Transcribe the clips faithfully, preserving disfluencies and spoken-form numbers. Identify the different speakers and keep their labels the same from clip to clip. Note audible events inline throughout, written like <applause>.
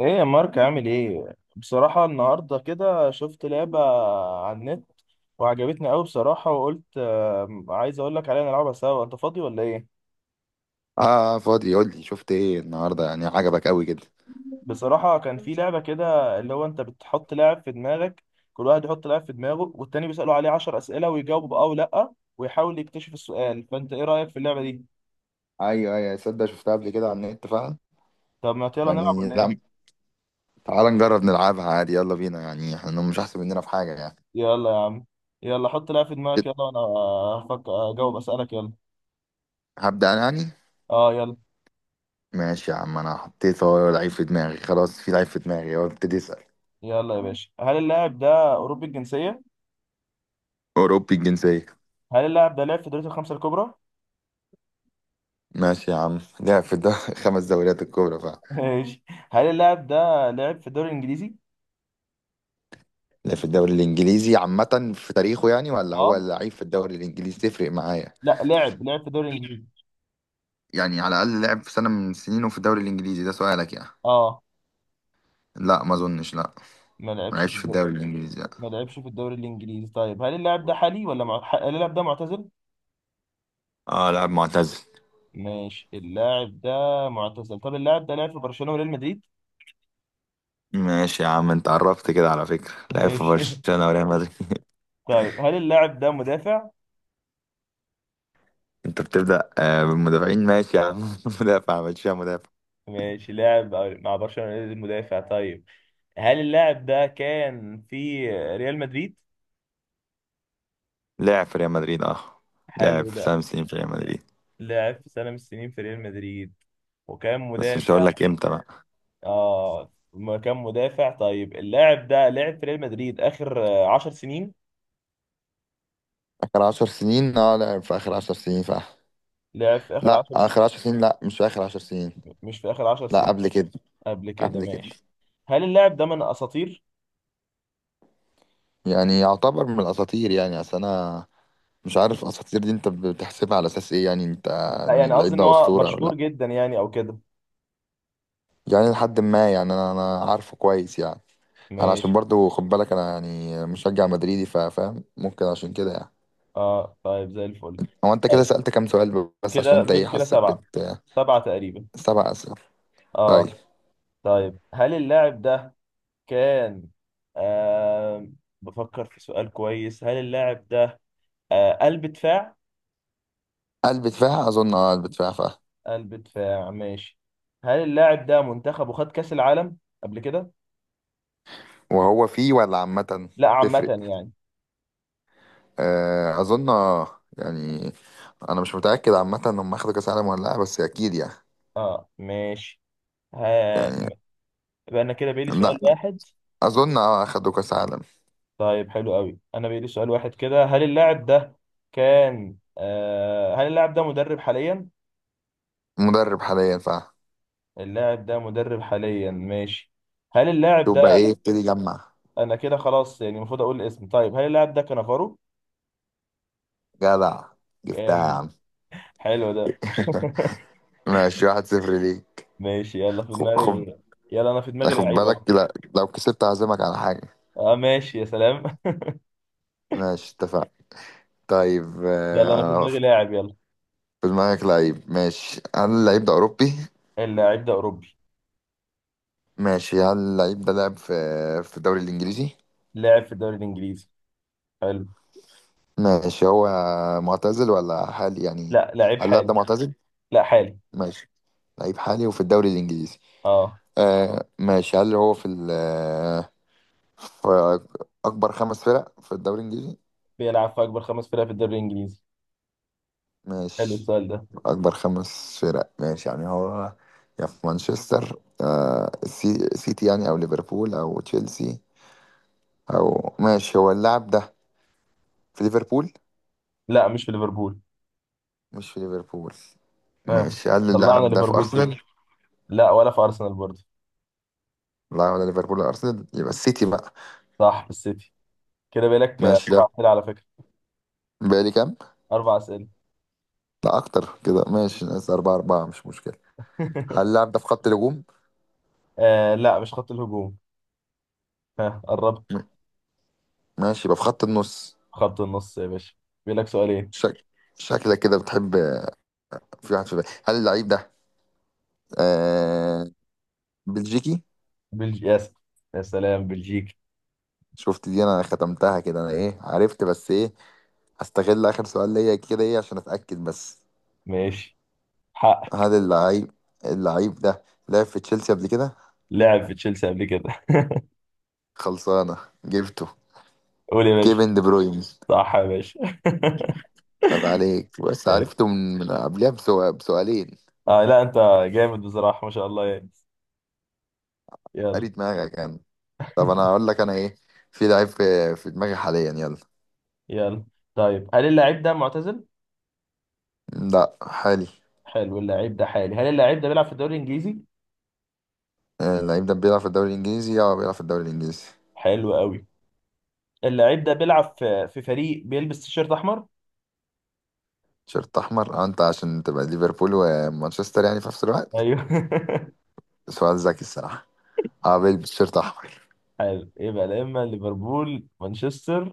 Speaker 1: ايه يا مارك عامل ايه؟ بصراحة النهاردة كده شفت لعبة على النت وعجبتني قوي بصراحة، وقلت آه، عايز اقول لك عليها نلعبها سوا. انت فاضي ولا ايه؟
Speaker 2: اه، فاضي. قول لي شفت ايه النهارده، يعني عجبك قوي كده؟
Speaker 1: بصراحة كان في لعبة كده، اللي هو انت بتحط لاعب في دماغك، كل واحد يحط لاعب في دماغه والتاني بيسأله عليه عشر أسئلة ويجاوب بأه ولا، ويحاول يكتشف السؤال. فانت ايه رأيك في اللعبة دي؟
Speaker 2: ايوه ايوه، صدق شفتها قبل كده على النت فعلا.
Speaker 1: طب ما يلا نلعب
Speaker 2: يعني
Speaker 1: ولا
Speaker 2: لا،
Speaker 1: ايه؟
Speaker 2: تعال نجرب نلعبها عادي، يلا بينا. يعني احنا مش احسن مننا في حاجه يعني.
Speaker 1: يلا يا عم، يلا حط لاعب في دماغك يلا، وانا هفكر اجاوب أسألك يلا.
Speaker 2: هبدأ انا يعني.
Speaker 1: اه يلا.
Speaker 2: ماشي يا عم، انا حطيت، هو لعيب في دماغي خلاص، في لعيب في دماغي، هو ابتدي اسأل.
Speaker 1: يلا يا باشا، هل اللاعب ده أوروبي الجنسية؟
Speaker 2: اوروبي الجنسيه.
Speaker 1: هل اللاعب ده لعب في دوري الخمسة الكبرى؟
Speaker 2: ماشي يا عم، لعب في الدوري <laughs> خمس دوريات الكبرى فعلا.
Speaker 1: <laughs> ماشي. هل اللاعب ده لعب في الدوري الإنجليزي؟
Speaker 2: لعب في الدوري الانجليزي عامه في تاريخه يعني، ولا
Speaker 1: اه،
Speaker 2: هو لعيب في الدوري الانجليزي؟ تفرق معايا؟
Speaker 1: لا لعب لعب في الدوري الإنجليزي.
Speaker 2: يعني على الاقل لعب في سنه من سنينه في الدوري الانجليزي، ده سؤالك يعني؟
Speaker 1: اه.
Speaker 2: لا ما اظنش، لا.
Speaker 1: ما
Speaker 2: ما
Speaker 1: لعبش في
Speaker 2: لعبش في
Speaker 1: الدوري.
Speaker 2: الدوري الانجليزي، لا.
Speaker 1: ما لعبش في الدوري الإنجليزي. طيب هل اللاعب ده حالي ولا مع... ح- هل اللاعب ده معتزل؟
Speaker 2: اه، لاعب معتزل.
Speaker 1: ماشي، اللاعب ده معتزل. طب اللاعب ده لعب في برشلونة وريال مدريد؟
Speaker 2: ماشي يا عم، انت عرفت كده على فكرة، لعب في
Speaker 1: ماشي <laughs>
Speaker 2: برشلونة وريال مدريد.
Speaker 1: طيب هل اللاعب ده مدافع؟
Speaker 2: <laughs> انت بتبدأ آه بالمدافعين، ماشي يا عم. <laughs> مدافع، ماشي يا مدافع.
Speaker 1: ماشي، لاعب مع برشلونة المدافع. طيب هل اللاعب ده كان في ريال مدريد؟
Speaker 2: لعب في ريال مدريد، اه. لعب
Speaker 1: حلو
Speaker 2: في
Speaker 1: ده.
Speaker 2: سبع سنين في ريال مدريد،
Speaker 1: لعب في سنة من السنين في ريال مدريد وكان
Speaker 2: بس مش
Speaker 1: مدافع.
Speaker 2: هقول لك امتى بقى.
Speaker 1: اه، ما كان مدافع. طيب اللاعب ده لعب في ريال مدريد آخر آه، عشر سنين.
Speaker 2: اخر عشر سنين، اه لعب في اخر عشر سنين فا.
Speaker 1: لعب في آخر
Speaker 2: لا
Speaker 1: عشر س...
Speaker 2: اخر عشر سنين، لا مش في اخر عشر سنين،
Speaker 1: مش في آخر عشر
Speaker 2: لا
Speaker 1: سنين
Speaker 2: قبل كده.
Speaker 1: قبل كده
Speaker 2: قبل كده.
Speaker 1: ماشي. هل اللاعب ده من أساطير؟
Speaker 2: يعني يعتبر من الاساطير يعني، اصل انا مش عارف اساطير دي انت بتحسبها على اساس ايه يعني انت؟
Speaker 1: لا
Speaker 2: ان
Speaker 1: يعني، قصدي
Speaker 2: اللعيب
Speaker 1: إن
Speaker 2: ده
Speaker 1: هو
Speaker 2: اسطوره ولا
Speaker 1: مشهور
Speaker 2: لا؟
Speaker 1: جدا يعني أو كده.
Speaker 2: يعني لحد ما، يعني انا انا عارفه كويس يعني. انا عشان
Speaker 1: ماشي
Speaker 2: برضو خد بالك، انا يعني مشجع مدريدي فا- فاهم، ممكن عشان كده يعني.
Speaker 1: اه، طيب زي الفل.
Speaker 2: هو انت كده
Speaker 1: طيب
Speaker 2: سألت كام سؤال بس،
Speaker 1: كده
Speaker 2: عشان انت
Speaker 1: غير
Speaker 2: ايه
Speaker 1: كده
Speaker 2: حاسك
Speaker 1: سبعة،
Speaker 2: بت.
Speaker 1: سبعة تقريبا.
Speaker 2: سبع اسئله. طيب.
Speaker 1: اه، طيب هل اللاعب ده كان آه بفكر في سؤال كويس. هل اللاعب ده آه قلب دفاع.
Speaker 2: قلب دفاع اظن، اه قلب دفاع فا.
Speaker 1: قلب دفاع ماشي. هل اللاعب ده منتخبه خد كأس العالم قبل كده؟
Speaker 2: وهو فيه ولا عامه؟
Speaker 1: لا عامة
Speaker 2: تفرق.
Speaker 1: يعني.
Speaker 2: آه اظن اه يعني، انا مش متاكد عامه هم اخدوا كاس عالم ولا لا، بس اكيد يعني.
Speaker 1: اه ماشي. ها
Speaker 2: يعني
Speaker 1: م- يبقى انا كده بيلي
Speaker 2: لا
Speaker 1: سؤال واحد.
Speaker 2: اظن، اه اخدوا كاس عالم.
Speaker 1: طيب حلو قوي، انا بيلي سؤال واحد كده. هل اللاعب ده كان آه هل اللاعب ده مدرب حاليا؟
Speaker 2: مدرب حاليا فا.
Speaker 1: اللاعب ده مدرب حاليا ماشي. هل اللاعب
Speaker 2: شوف بقى
Speaker 1: ده...
Speaker 2: ايه، ابتدي جمع.
Speaker 1: انا كده خلاص، يعني المفروض اقول الاسم. طيب هل اللاعب ده كانافارو؟
Speaker 2: جدع، جبتها يا
Speaker 1: جامد،
Speaker 2: عم.
Speaker 1: حلو ده.
Speaker 2: ماشي، واحد صفر ليك.
Speaker 1: ماشي يلا في
Speaker 2: خب خب.
Speaker 1: دماغي. يلا انا في دماغي
Speaker 2: خد
Speaker 1: لعيبه.
Speaker 2: بالك لا، لو كسبت هعزمك على حاجة.
Speaker 1: اه ماشي يا سلام <laughs>
Speaker 2: ماشي، اتفقنا. طيب آه،
Speaker 1: يلا انا في
Speaker 2: انا
Speaker 1: دماغي
Speaker 2: في
Speaker 1: لاعب يلا.
Speaker 2: دماغك لعيب. ماشي، هل اللعيب ده أوروبي؟
Speaker 1: اللاعب ده اوروبي.
Speaker 2: ماشي، هل اللعيب ده لعب في في الدوري الإنجليزي؟
Speaker 1: لاعب في الدوري الانجليزي. حلو.
Speaker 2: ماشي، هو معتزل ولا حالي يعني؟
Speaker 1: لا، لاعب
Speaker 2: هل اللاعب
Speaker 1: حالي.
Speaker 2: ده معتزل؟
Speaker 1: لا حالي.
Speaker 2: ماشي، لعيب حالي وفي الدوري الإنجليزي.
Speaker 1: اه،
Speaker 2: آه ماشي، هل هو في ال- فأكبر خمس فرق في الدوري الإنجليزي؟
Speaker 1: بيلعب في اكبر خمس فرق في الدوري الانجليزي. حلو
Speaker 2: ماشي.
Speaker 1: السؤال ده.
Speaker 2: أكبر خمس فرق، ماشي. يعني هو يا في مانشستر آه السي- سيتي، يعني أو ليفربول أو تشيلسي أو، ماشي. هو اللاعب ده في ليفربول؟
Speaker 1: لا مش في ليفربول.
Speaker 2: مش في ليفربول،
Speaker 1: اه
Speaker 2: ماشي. هل
Speaker 1: طلعنا
Speaker 2: اللاعب ده في
Speaker 1: ليفربول كده.
Speaker 2: أرسنال؟
Speaker 1: لا، ولا في ارسنال برضه.
Speaker 2: لا ولا ليفربول ولا أرسنال، يبقى السيتي بقى.
Speaker 1: صح في السيتي. كده بيلك آه،
Speaker 2: ماشي،
Speaker 1: اربع
Speaker 2: ده
Speaker 1: اسئله على فكره.
Speaker 2: بقالي كام؟
Speaker 1: اربع اسئله
Speaker 2: لا أكتر كده، ماشي، ناقص أربعة. أربعة مش مشكلة. هل
Speaker 1: <laughs>
Speaker 2: اللاعب ده في خط الهجوم؟
Speaker 1: آه لا مش خط الهجوم. ها قربت.
Speaker 2: م- ماشي، يبقى في خط النص.
Speaker 1: خط النص يا باشا. بيلك سؤالين.
Speaker 2: شك... شكلك كده بتحب. في واحد في بالي، هل اللعيب ده آه بلجيكي؟
Speaker 1: بلجي يا س- يا سلام بلجيكا.
Speaker 2: شفت دي انا ختمتها كده، انا ايه عرفت بس ايه. هستغل اخر سؤال ليا كده ايه، عشان اتاكد بس.
Speaker 1: ماشي، حق.
Speaker 2: هل اللعيب اللعيب ده لعب في تشيلسي قبل كده؟
Speaker 1: لعب في تشيلسي قبل كده <laughs>
Speaker 2: خلصانه، جبته.
Speaker 1: قول يا باشا.
Speaker 2: كيفن دي بروين.
Speaker 1: صح يا باشا <laughs>
Speaker 2: عيب عليك، بس
Speaker 1: طيب.
Speaker 2: عرفته من من قبلها بسو- بسؤالين.
Speaker 1: آه لا انت جامد بصراحة، ما شاء الله يعني. يلا.
Speaker 2: قريت دماغك يعني. طب انا هقول لك انا ايه، في لعيب في, في دماغي حاليا، يلا.
Speaker 1: يلا. طيب هل اللاعب ده معتزل؟
Speaker 2: لا، حالي.
Speaker 1: حلو، اللاعب ده حالي. هل اللاعب ده بيلعب في الدوري الانجليزي؟
Speaker 2: آه، اللعيب ده بيلعب في الدوري الانجليزي، اه بيلعب في الدوري الانجليزي.
Speaker 1: حلو قوي. اللاعب ده بيلعب في في فريق بيلبس تيشيرت احمر؟
Speaker 2: شيرت احمر، اه. انت عشان تبقى ليفربول ومانشستر يعني في نفس الوقت،
Speaker 1: ايوه <laughs>
Speaker 2: سؤال ذكي الصراحه. اه بيلبس شيرت احمر.
Speaker 1: حلو، يبقى لا اما ليفربول مانشستر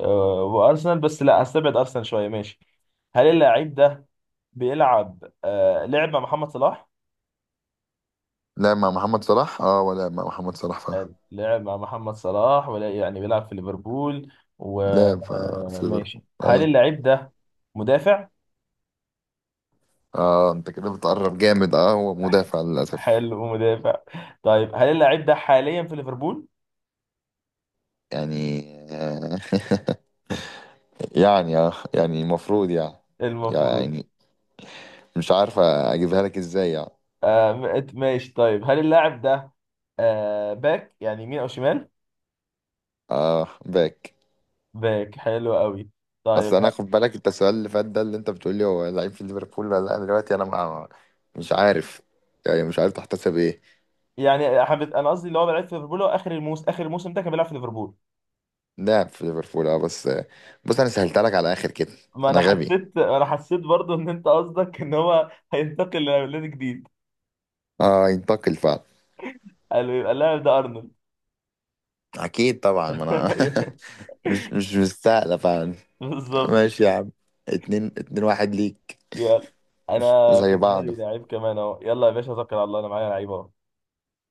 Speaker 1: آه، وارسنال، بس لا هستبعد ارسنال شوية. ماشي. هل اللاعب ده بيلعب آه، لعب مع محمد صلاح؟
Speaker 2: لعب مع محمد صلاح، اه ولا مع محمد صلاح فعلا.
Speaker 1: لعب مع محمد صلاح، ولا يعني بيلعب في ليفربول
Speaker 2: لعب آه، في ليفربول
Speaker 1: وماشي. هل
Speaker 2: اي.
Speaker 1: اللعيب ده مدافع؟
Speaker 2: اه انت كده بتقرب جامد، اه هو
Speaker 1: ح-
Speaker 2: مدافع للاسف.
Speaker 1: حلو مدافع. طيب هل اللاعب ده حاليا في ليفربول؟
Speaker 2: يعني آه <laughs> يعني اه، يعني المفروض يعني.
Speaker 1: المفروض.
Speaker 2: يعني مش عارف اجيبها لك ازاي يعني.
Speaker 1: آه م- ماشي. طيب هل اللاعب ده آه باك يعني، يمين او شمال؟
Speaker 2: اه، باك.
Speaker 1: باك، حلو قوي.
Speaker 2: اصل
Speaker 1: طيب
Speaker 2: انا
Speaker 1: ه-
Speaker 2: خد بالك، انت السؤال اللي فات ده اللي انت بتقول لي هو لعيب في ليفربول ولا لا، دلوقتي انا ما، مش عارف يعني، مش عارف تحتسب ايه.
Speaker 1: يعني حبيت، انا قصدي اللي هو بيلعب في ليفربول، هو اخر الموسم. اخر الموسم ده كان بيلعب في ليفربول.
Speaker 2: لاعب في ليفربول، اه بس. بص انا سهلتها لك على الاخر كده.
Speaker 1: ما انا
Speaker 2: انا غبي.
Speaker 1: حسيت، انا حسيت برضو ان انت قصدك ان هو هينتقل لنادي جديد.
Speaker 2: اه، ينتقل فعلا.
Speaker 1: قالوا يبقى اللاعب ده ارنولد.
Speaker 2: اكيد طبعا، ما انا
Speaker 1: <laughs> أيوه،
Speaker 2: <laughs> مش مش مستاهله فعلا.
Speaker 1: بالظبط.
Speaker 2: ماشي يا عم، اتنين اتنين واحد ليك.
Speaker 1: يلا انا في
Speaker 2: زي بعض.
Speaker 1: دماغي لعيب كمان اهو. يلا يا باشا، توكل على الله. انا معايا لعيب اهو.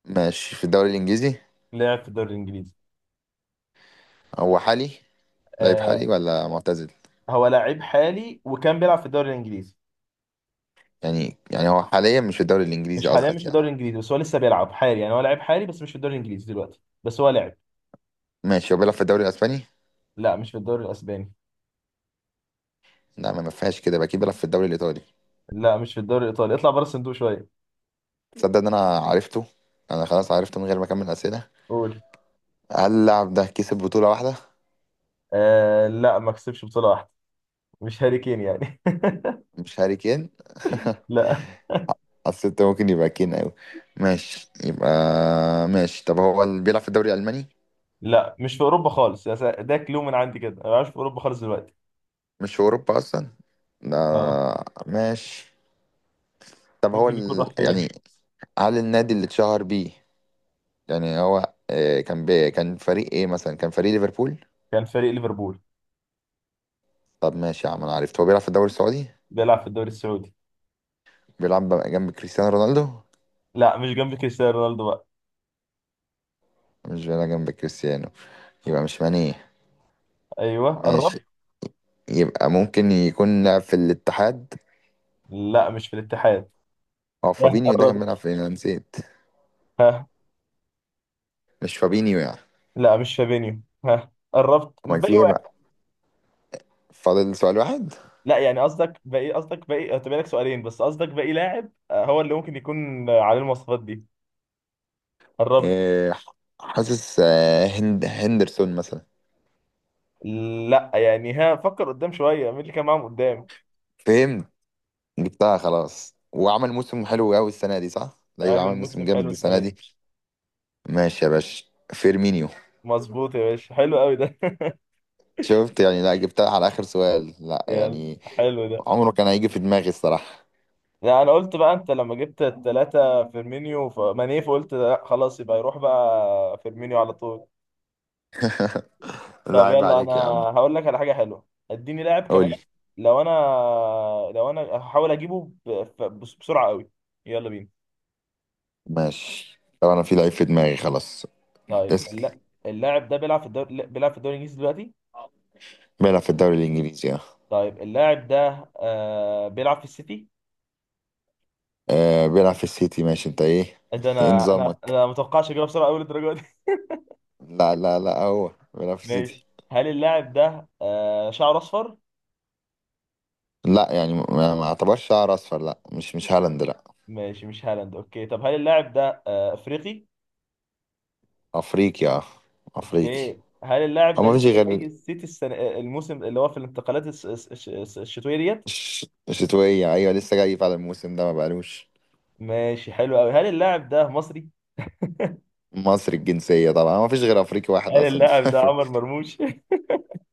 Speaker 2: ماشي، في الدوري الانجليزي.
Speaker 1: لعب في الدوري الانجليزي.
Speaker 2: هو حالي؟ لعيب حالي
Speaker 1: آه.
Speaker 2: ولا معتزل؟
Speaker 1: هو لعيب حالي وكان بيلعب في الدوري الانجليزي.
Speaker 2: يعني، يعني هو حاليا مش في الدوري
Speaker 1: مش
Speaker 2: الانجليزي
Speaker 1: حاليا مش
Speaker 2: قصدك
Speaker 1: في
Speaker 2: يعني.
Speaker 1: الدوري الانجليزي، بس هو لسه بيلعب حالي. يعني هو لعيب حالي بس مش في الدوري الانجليزي دلوقتي، بس هو لعب.
Speaker 2: ماشي، هو بيلعب في الدوري الاسباني؟
Speaker 1: لا مش في الدوري الاسباني.
Speaker 2: لا، ما ما فيهاش كده بقى، كده بيلعب في الدوري الايطالي.
Speaker 1: لا مش في الدوري الايطالي. اطلع بره الصندوق شويه.
Speaker 2: تصدق ان انا عرفته؟ انا خلاص عرفته من غير ما اكمل اسئله.
Speaker 1: قول.
Speaker 2: هل اللاعب ده كسب بطوله واحده؟
Speaker 1: آه لا، ما كسبش بطوله واحده. مش هاري كين يعني
Speaker 2: مش هاري كين؟
Speaker 1: <laughs>
Speaker 2: <laughs>
Speaker 1: لا.
Speaker 2: حسيت ممكن يبقى كين قوي. ماشي يبقى. ماشي، طب هو اللي بيلعب في الدوري الالماني؟
Speaker 1: لا مش في اوروبا خالص يا سا- ده كلو من عندي كده. انا مش في اوروبا خالص دلوقتي.
Speaker 2: مش في اوروبا اصلا،
Speaker 1: آه.
Speaker 2: لا؟ ماشي. طب هو
Speaker 1: ممكن يكون
Speaker 2: ال...
Speaker 1: راح فين.
Speaker 2: يعني، هل النادي اللي اتشهر بيه يعني هو آه، كان بي... كان فريق ايه مثلا؟ كان فريق ليفربول.
Speaker 1: كان فريق ليفربول.
Speaker 2: طب ماشي يا عم، انا عرفت، هو بيلعب في الدوري السعودي.
Speaker 1: بيلعب في الدوري السعودي.
Speaker 2: بيلعب جنب كريستيانو رونالدو؟
Speaker 1: لا مش جنب كريستيانو رونالدو بقى.
Speaker 2: مش بيلعب جنب كريستيانو، يبقى مش ماني.
Speaker 1: ايوه قربت.
Speaker 2: ماشي، يبقى ممكن يكون لعب في الاتحاد.
Speaker 1: لا مش في الاتحاد.
Speaker 2: هو
Speaker 1: ها
Speaker 2: فابينيو ده كان
Speaker 1: قربت.
Speaker 2: بيلعب فين، انا نسيت.
Speaker 1: ها.
Speaker 2: مش فابينيو يعني؟
Speaker 1: لا مش فابينيو. ها قربت،
Speaker 2: امال في
Speaker 1: باقي
Speaker 2: ايه بقى؟
Speaker 1: واحد.
Speaker 2: فاضل سؤال واحد.
Speaker 1: لا يعني قصدك باقي، قصدك باقي هتبقى لك سؤالين، بس قصدك باقي لاعب آه، هو اللي ممكن يكون آه، عليه المواصفات دي. قربت.
Speaker 2: إيه؟ حاسس آه، هند هندرسون مثلا.
Speaker 1: لا يعني، ها، فكر قدام شويه مين اللي كان معاهم قدام.
Speaker 2: فهمت. جبتها خلاص، وعمل موسم حلو قوي السنه دي، صح؟ ايوه،
Speaker 1: عامل
Speaker 2: عمل
Speaker 1: موسم
Speaker 2: موسم
Speaker 1: حلو
Speaker 2: جامد السنه
Speaker 1: السنه دي.
Speaker 2: دي. ماشي يا باشا، فيرمينيو.
Speaker 1: مظبوط يا باشا، حلو قوي ده <laughs>
Speaker 2: شفت؟ يعني لا، جبتها على اخر سؤال لا
Speaker 1: يلا،
Speaker 2: يعني.
Speaker 1: حلو ده.
Speaker 2: عمره كان هيجي في دماغي الصراحه.
Speaker 1: لا انا قلت بقى انت لما جبت التلاتة فيرمينيو فماني، فقلت لا خلاص يبقى يروح بقى فيرمينيو على طول.
Speaker 2: لا،
Speaker 1: طب
Speaker 2: عيب
Speaker 1: يلا، انا
Speaker 2: عليك يا عم.
Speaker 1: هقول لك على حاجة حلوة. اديني لاعب كمان.
Speaker 2: قول.
Speaker 1: لو انا لو انا هحاول اجيبه ب- ف- بس- بسرعة قوي. يلا بينا.
Speaker 2: ماشي، طب انا في لعيب في دماغي خلاص.
Speaker 1: طيب
Speaker 2: اسأل.
Speaker 1: الل- اللاعب ده بيلعب في الدوري، لا، بيلعب في الدوري الانجليزي دلوقتي.
Speaker 2: بيلعب في الدوري الانجليزي، اه.
Speaker 1: طيب اللاعب ده آه بيلعب في السيتي.
Speaker 2: آه، بيلعب في السيتي، ماشي. انت ايه
Speaker 1: ده
Speaker 2: <laughs> ايه
Speaker 1: انا انا
Speaker 2: نظامك؟
Speaker 1: انا ما اتوقعش اجيبها بسرعة قوي للدرجة دي.
Speaker 2: لا لا لا، هو
Speaker 1: <laughs>
Speaker 2: بيلعب في السيتي.
Speaker 1: ماشي. هل اللاعب ده آه شعره اصفر؟
Speaker 2: لا يعني، ما ما اعتبرش شعر اصفر، لا. مش مش هالاند، لا.
Speaker 1: ماشي، مش هالاند. اوكي، طب هل اللاعب ده آه، افريقي؟
Speaker 2: افريقي، اه. افريقي.
Speaker 1: اوكي. هل اللاعب
Speaker 2: هو
Speaker 1: ده
Speaker 2: ما فيش
Speaker 1: لسه جاي
Speaker 2: غير
Speaker 1: السيتي السنة آه، الموسم اللي هو في الانتقالات الس- الس- الس- الس- الشتوية ديت؟
Speaker 2: ش- شتوية، ايوه لسه جاي فعلا الموسم ده، ما بقالوش.
Speaker 1: ماشي حلو قوي. هل اللاعب ده مصري؟
Speaker 2: مصري الجنسية طبعا، ما فيش غير افريقي واحد
Speaker 1: هل
Speaker 2: اصلا <laughs>
Speaker 1: اللاعب ده
Speaker 2: في-.
Speaker 1: عمر مرموش؟ <laughs>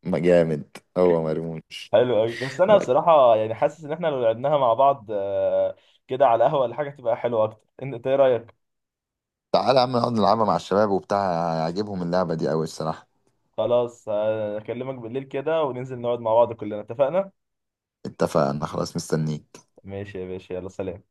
Speaker 2: ما جامد، هو مرموش.
Speaker 1: حلو قوي. بس انا
Speaker 2: لا،
Speaker 1: بصراحة يعني حاسس ان احنا لو لعبناها مع بعض آه، كده على القهوة ولا حاجة، تبقى حلوة اكتر. إن- انت ايه رأيك؟
Speaker 2: تعالى يا عم نقعد نلعبها مع الشباب وبتاع، هيعجبهم اللعبة دي أوي الصراحة.
Speaker 1: خلاص آه، اكلمك بالليل كده وننزل نقعد مع بعض كلنا. اتفقنا.
Speaker 2: اتفقنا، خلاص مستنيك.
Speaker 1: ماشي يا باشا، يلا سلام.